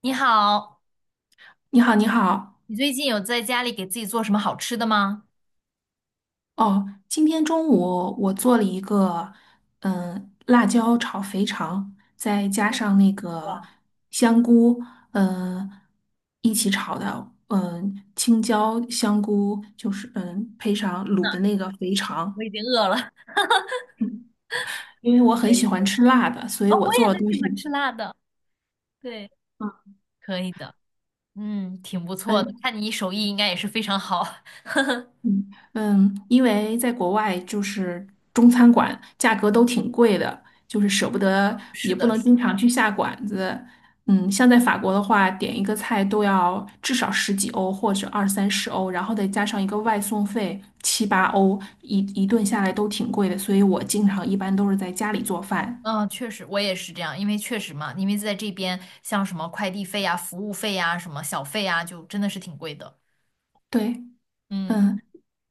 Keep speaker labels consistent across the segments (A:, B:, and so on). A: 你好，
B: 你好，你好。
A: 你最近有在家里给自己做什么好吃的吗？
B: 哦，今天中午我做了一个，辣椒炒肥肠，再加
A: 嗯。
B: 上那个
A: 哇，
B: 香菇，嗯，一起炒的，青椒、香菇，就是配上卤的那个肥
A: 我
B: 肠。
A: 已经饿了。
B: 嗯因为我
A: 可
B: 很
A: 以
B: 喜
A: 可
B: 欢
A: 以，
B: 吃辣的，所以
A: 哦，
B: 我
A: 我也
B: 做的
A: 很
B: 东
A: 喜
B: 西，
A: 欢吃辣的。对，可以的。嗯，挺不错的，
B: 嗯，
A: 看你手艺应该也是非常好。
B: 嗯因为在国外就是中餐馆价格都挺贵的，就是舍不得，
A: 是
B: 也不
A: 的，
B: 能
A: 是的
B: 经常去下馆子。像在法国的话，点一个菜都要至少十几欧或者二三十欧，然后再加上一个外送费七八欧，一顿下来都挺贵的。所以我经常一般都是在家里做饭。
A: 嗯，确实，我也是这样，因为确实嘛，因为在这边，像什么快递费呀、服务费呀、什么小费呀，就真的是挺贵的。
B: 对，
A: 嗯，
B: 嗯，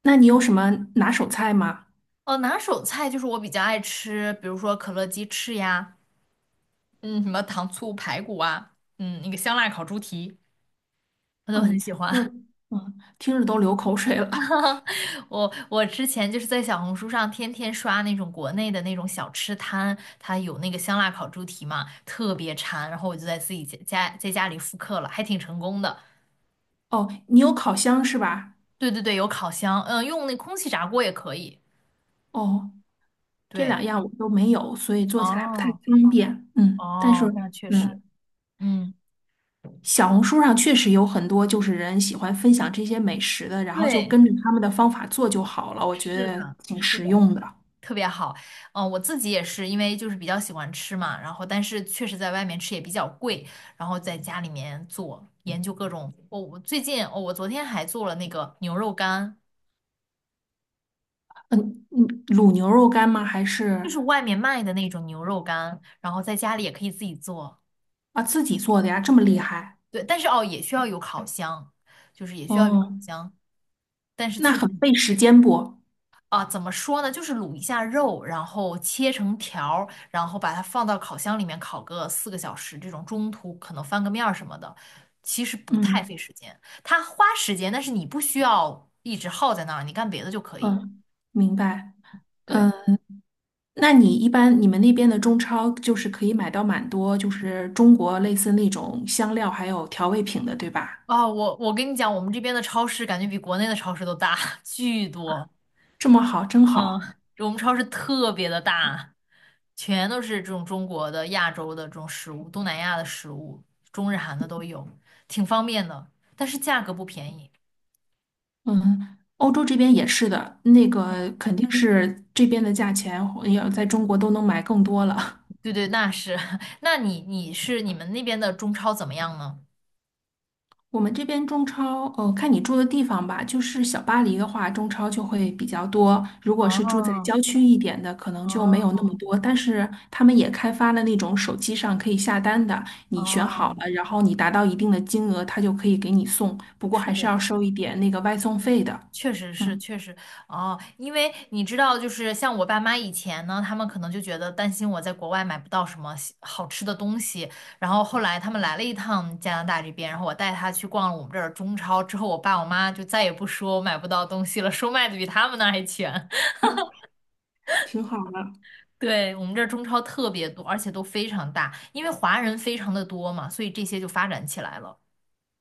B: 那你有什么拿手菜吗？
A: 哦，拿手菜就是我比较爱吃，比如说可乐鸡翅呀，嗯，什么糖醋排骨啊，那个香辣烤猪蹄，我都
B: 哦，
A: 很
B: 你
A: 喜
B: 做，
A: 欢。
B: 嗯，听着都流口水了。
A: 我之前就是在小红书上天天刷那种国内的那种小吃摊，它有那个香辣烤猪蹄嘛，特别馋，然后我就在自己家在家里复刻了，还挺成功的。
B: 哦，你有烤箱是吧？
A: 对对对，有烤箱，嗯，用那空气炸锅也可以。
B: 哦。这
A: 对，
B: 两样我都没有，所以做起来不太
A: 哦
B: 方便。嗯，但是
A: 哦，那确实，
B: 嗯，
A: 嗯，
B: 小红书上确实有很多就是人喜欢分享这些美食的，然后就
A: 对，
B: 跟着他们的方法做就好了，我觉
A: 是
B: 得
A: 的，
B: 挺
A: 是
B: 实
A: 的。
B: 用的。
A: 特别好。我自己也是，因为就是比较喜欢吃嘛，然后但是确实在外面吃也比较贵，然后在家里面做，研究各种。我最近哦，我昨天还做了那个牛肉干，
B: 嗯卤牛肉干吗？
A: 就是外面卖的那种牛肉干，然后在家里也可以自己做。
B: 啊自己做的呀？这么厉
A: 对，
B: 害？
A: 对，但是哦，也需要有烤箱，就是也需要有烤
B: 哦，
A: 箱，但是
B: 那
A: 确实。
B: 很费时间不？
A: 啊，怎么说呢？就是卤一下肉，然后切成条儿，然后把它放到烤箱里面烤个4个小时，这种中途可能翻个面儿什么的，其实不太费
B: 嗯
A: 时间。它花时间，但是你不需要一直耗在那儿，你干别的就可以。
B: 嗯，明白。嗯，
A: 对，
B: 那你一般你们那边的中超就是可以买到蛮多，就是中国类似那种香料还有调味品的，对吧？
A: 啊，我跟你讲，我们这边的超市感觉比国内的超市都大，巨多。
B: 这么好，真
A: 嗯，
B: 好。
A: 我们超市特别的大，全都是这种中国的、亚洲的这种食物，东南亚的食物，中日韩的都有，挺方便的，但是价格不便宜。
B: 嗯，欧洲这边也是的，那个肯定是这边的价钱要在中国都能买更多了。
A: 对对，那是。那你们那边的中超怎么样呢？
B: 我们这边中超，看你住的地方吧。就是小巴黎的话，中超就会比较多；如果是住在
A: 哦
B: 郊区一点的，可能就没有那么
A: 哦
B: 多。但是他们也开发了那种手机上可以下单的，你选好
A: 哦，
B: 了，然后你达到一定的金额，他就可以给你送。不过
A: 是
B: 还
A: 的，
B: 是要收一点那个外送费的。
A: 确实是，
B: 嗯，
A: 确实哦，因为你知道，就是像我爸妈以前呢，他们可能就觉得担心我在国外买不到什么西好吃的东西，然后后来他们来了一趟加拿大这边，然后我带他去逛了我们这儿中超之后，我爸我妈就再也不说我买不到东西了，说卖的比他们那儿还全。
B: 挺好的。
A: 对，我们这儿中超特别多，而且都非常大，因为华人非常的多嘛，所以这些就发展起来了。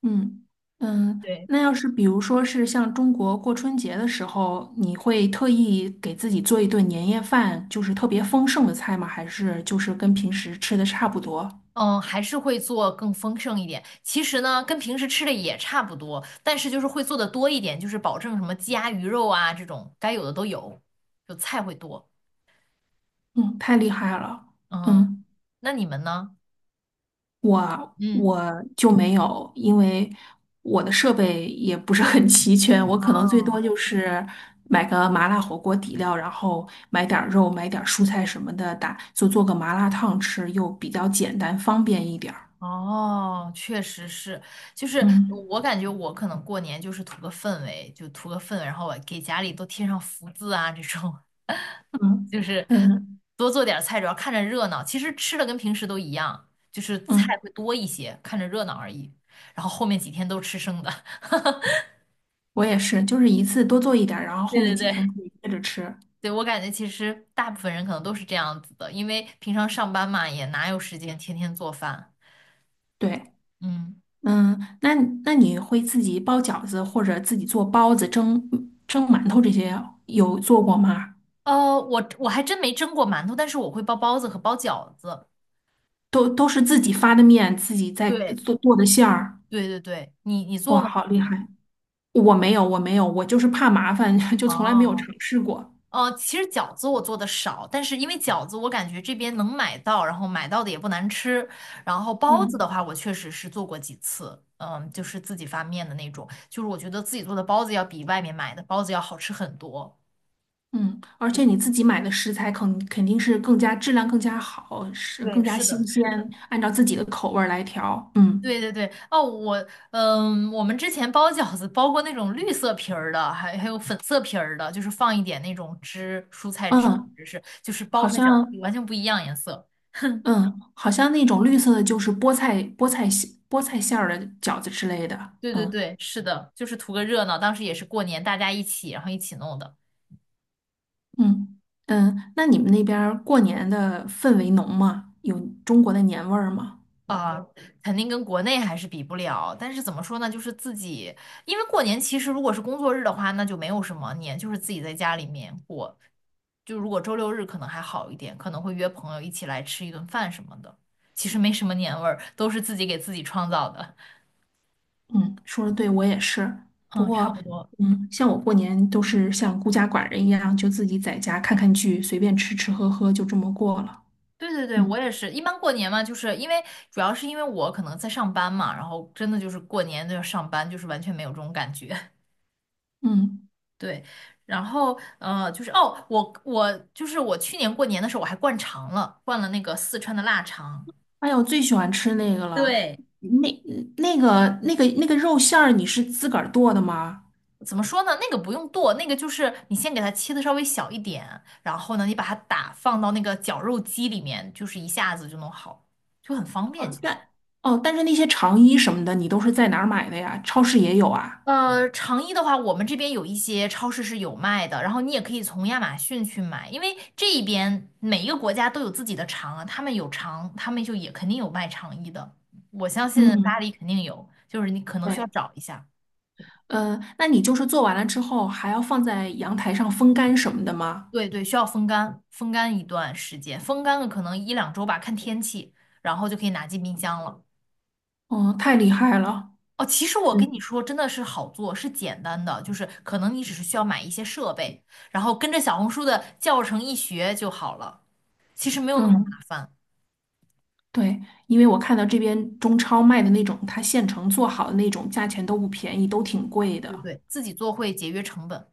B: 嗯嗯，
A: 对。
B: 那要是比如说是像中国过春节的时候，你会特意给自己做一顿年夜饭，就是特别丰盛的菜吗？还是就是跟平时吃的差不多？
A: 嗯，还是会做更丰盛一点。其实呢，跟平时吃的也差不多，但是就是会做的多一点，就是保证什么鸡鸭鱼肉啊这种该有的都有，就菜会多。
B: 嗯，太厉害了。
A: 嗯，
B: 嗯，
A: 那你们呢？
B: 我
A: 嗯，
B: 我就没有，因为我的设备也不是很齐全，我可能最
A: 哦
B: 多就是买个麻辣火锅底料，然后买点儿肉，买点儿蔬菜什么的打，就做个麻辣烫吃，又比较简单方便一点儿。
A: 哦，确实是，就是
B: 嗯。
A: 我感觉我可能过年就是图个氛围，就图个氛围，然后我给家里都贴上福字啊这种。
B: 嗯
A: 就是
B: 嗯
A: 多做点儿菜，主要看着热闹。其实吃的跟平时都一样，就是菜
B: 嗯，
A: 会多一些，看着热闹而已。然后后面几天都吃生的。
B: 我也是，就是一次多做一点儿，然后
A: 对
B: 后面
A: 对
B: 几天
A: 对，
B: 可以接着吃。
A: 对，我感觉其实大部分人可能都是这样子的，因为平常上班嘛，也哪有时间天天做饭。
B: 对，
A: 嗯，
B: 嗯，那那你会自己包饺子或者自己做包子、蒸馒头这些有做过吗？
A: 我还真没蒸过馒头，但是我会包包子和包饺子。
B: 都是自己发的面，自己在
A: 对
B: 做的馅儿。
A: 对对对，你做
B: 哇，
A: 吗？
B: 好厉害！我没有，我没有，我就是怕麻烦，就从来没有
A: 哦。
B: 尝试过。
A: 其实饺子我做的少，但是因为饺子我感觉这边能买到，然后买到的也不难吃。然后包子的
B: 嗯。
A: 话，我确实是做过几次，嗯，就是自己发面的那种，就是我觉得自己做的包子要比外面买的包子要好吃很多。
B: 嗯，而
A: 对，
B: 且你自己买的食材肯定是更加质量更加好，是
A: 对，
B: 更加
A: 是的，
B: 新鲜，
A: 是的，
B: 按照自己的口味儿来调。嗯
A: 对对对。哦，我们之前包饺子包过那种绿色皮儿的，还有粉色皮儿的，就是放一点那种汁，蔬菜汁，
B: 嗯，
A: 是就是包
B: 好
A: 出来饺
B: 像
A: 子完全不一样颜色。
B: 嗯，好像那种绿色的就是菠菜馅儿的饺子之类的。
A: 对对
B: 嗯
A: 对，是的，就是图个热闹。当时也是过年，大家一起，然后一起弄的
B: 嗯那你们那边儿过年的氛围浓吗？有中国的年味儿吗？
A: 啊，肯定跟国内还是比不了。但是怎么说呢，就是自己，因为过年其实如果是工作日的话，那就没有什么年，就是自己在家里面过。就如果周六日可能还好一点，可能会约朋友一起来吃一顿饭什么的，其实没什么年味儿，都是自己给自己创造的。
B: 嗯，说的对，我也是。不
A: 嗯，差
B: 过，
A: 不多。
B: 像我过年都是像孤家寡人一样，就自己在家看看剧，随便吃吃喝喝，就这么过了。
A: 对对对，我
B: 嗯
A: 也是。一般过年嘛，就是因为主要是因为我可能在上班嘛，然后真的就是过年都要上班，就是完全没有这种感觉。
B: 嗯，
A: 对，然后就是我去年过年的时候我还灌肠了，灌了那个四川的腊肠。
B: 哎呀，我最喜欢吃那个了，
A: 对，
B: 那那那个肉馅儿，你是自个儿剁的吗？
A: 怎么说呢？那个不用剁，那个就是你先给它切的稍微小一点，然后呢，你把它放到那个绞肉机里面，就是一下子就弄好，就很方便。
B: 哦，
A: 其
B: 但
A: 实。
B: 哦，但是那些肠衣什么的，你都是在哪儿买的呀？超市也有啊。
A: 成衣的话，我们这边有一些超市是有卖的，然后你也可以从亚马逊去买，因为这一边每一个国家都有自己的长啊，他们有长，他们就也肯定有卖长衣的，我相信巴
B: 嗯，
A: 黎肯定有，就是你可能需要
B: 对，
A: 找一下，
B: 那你就是做完了之后，还要放在阳台上风干什么的吗？
A: 对对，需要风干，风干一段时间，风干了可能1-2周吧，看天气，然后就可以拿进冰箱了。
B: 哦，太厉害了。
A: 哦，其实我跟你
B: 嗯。
A: 说，真的是好做，是简单的，就是可能你只是需要买一些设备，然后跟着小红书的教程一学就好了。其实没有那么麻
B: 嗯，
A: 烦。
B: 对，因为我看到这边中超卖的那种，它现成做好的那种，价钱都不便宜，都挺贵
A: 对对
B: 的。
A: 对，自己做会节约成本。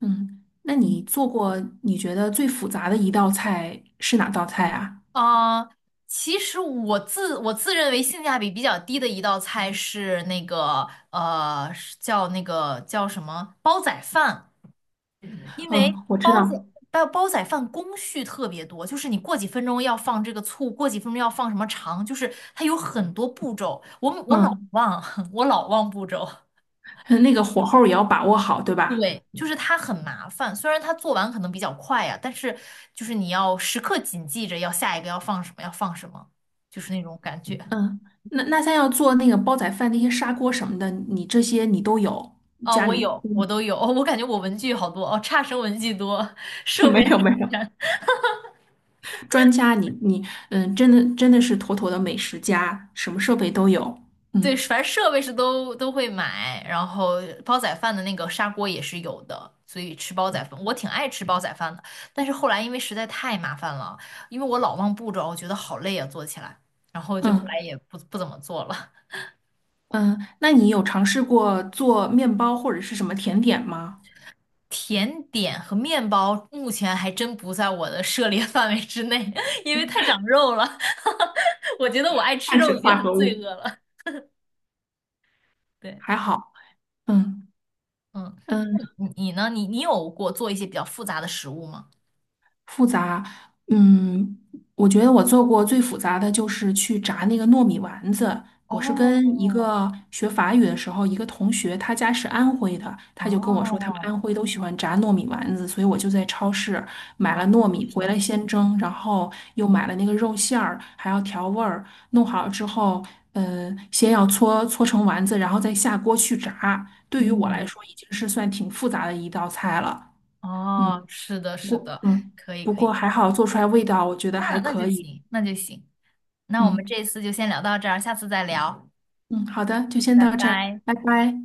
B: 嗯，那你做过你觉得最复杂的一道菜是哪道菜啊？
A: 啊、其实我自认为性价比比较低的一道菜是那个呃，是叫那个叫什么煲仔饭，因为
B: 嗯，我知道。
A: 煲仔饭工序特别多，就是你过几分钟要放这个醋，过几分钟要放什么肠，就是它有很多步骤，我老
B: 嗯，
A: 忘，我老忘步骤。
B: 那个火候也要把握好，对吧？
A: 对，就是它很麻烦，虽然它做完可能比较快啊，但是就是你要时刻谨记着要下一个要放什么，要放什么，就是那种感觉。
B: 嗯，那像要做那个煲仔饭那些砂锅什么的，你这些你都有？
A: 啊。
B: 家
A: 我
B: 里
A: 有，我都有，哦我感觉我文具好多，哦，差生文具多，设
B: 没
A: 备是
B: 有没
A: 第
B: 有
A: 三
B: 专家你，你真的真的是妥妥的美食家，什么设备都有。
A: 对，
B: 嗯
A: 反正设备是都会买，然后煲仔饭的那个砂锅也是有的，所以吃煲仔饭，我挺爱吃煲仔饭的，但是后来因为实在太麻烦了，因为我老忘步骤，哦我觉得好累啊，做起来，然后就后来
B: 嗯。
A: 也不怎么做了。
B: 嗯，那你有尝试过做面包或者是什么甜点吗？
A: 甜点和面包目前还真不在我的涉猎 范围之内，因为太长肉了。我觉得我爱吃
B: 碳
A: 肉
B: 水
A: 已经
B: 化
A: 很
B: 合
A: 罪
B: 物。
A: 恶了。对，
B: 还好，嗯
A: 嗯，
B: 嗯，
A: 你呢？你有过做一些比较复杂的食物吗？
B: 复杂，嗯，我觉得我做过最复杂的就是去炸那个糯米丸子。我是跟一
A: 哦
B: 个学法语的时候，一个同学，他家是安徽的，他就跟我说他们
A: 哦，
B: 安徽都喜欢炸糯米丸子，所以我就在超市买了糯米回
A: 哦，
B: 来先蒸，然后又买了那个肉馅儿，还要调味儿，弄好之后，先要搓成丸子，然后再下锅去炸。对于我来
A: 嗯，
B: 说，已经是算挺复杂的一道菜了。嗯。
A: 哦，是的，
B: 不，
A: 是
B: 过，
A: 的，
B: 嗯，
A: 可以，
B: 不
A: 可以，
B: 过还好做出来味道，我觉得还
A: 那那就
B: 可以。
A: 行，那就行。那我们
B: 嗯
A: 这一次就先聊到这儿，下次再聊，
B: 嗯，好的，就先
A: 拜
B: 到这儿，
A: 拜。
B: 拜拜。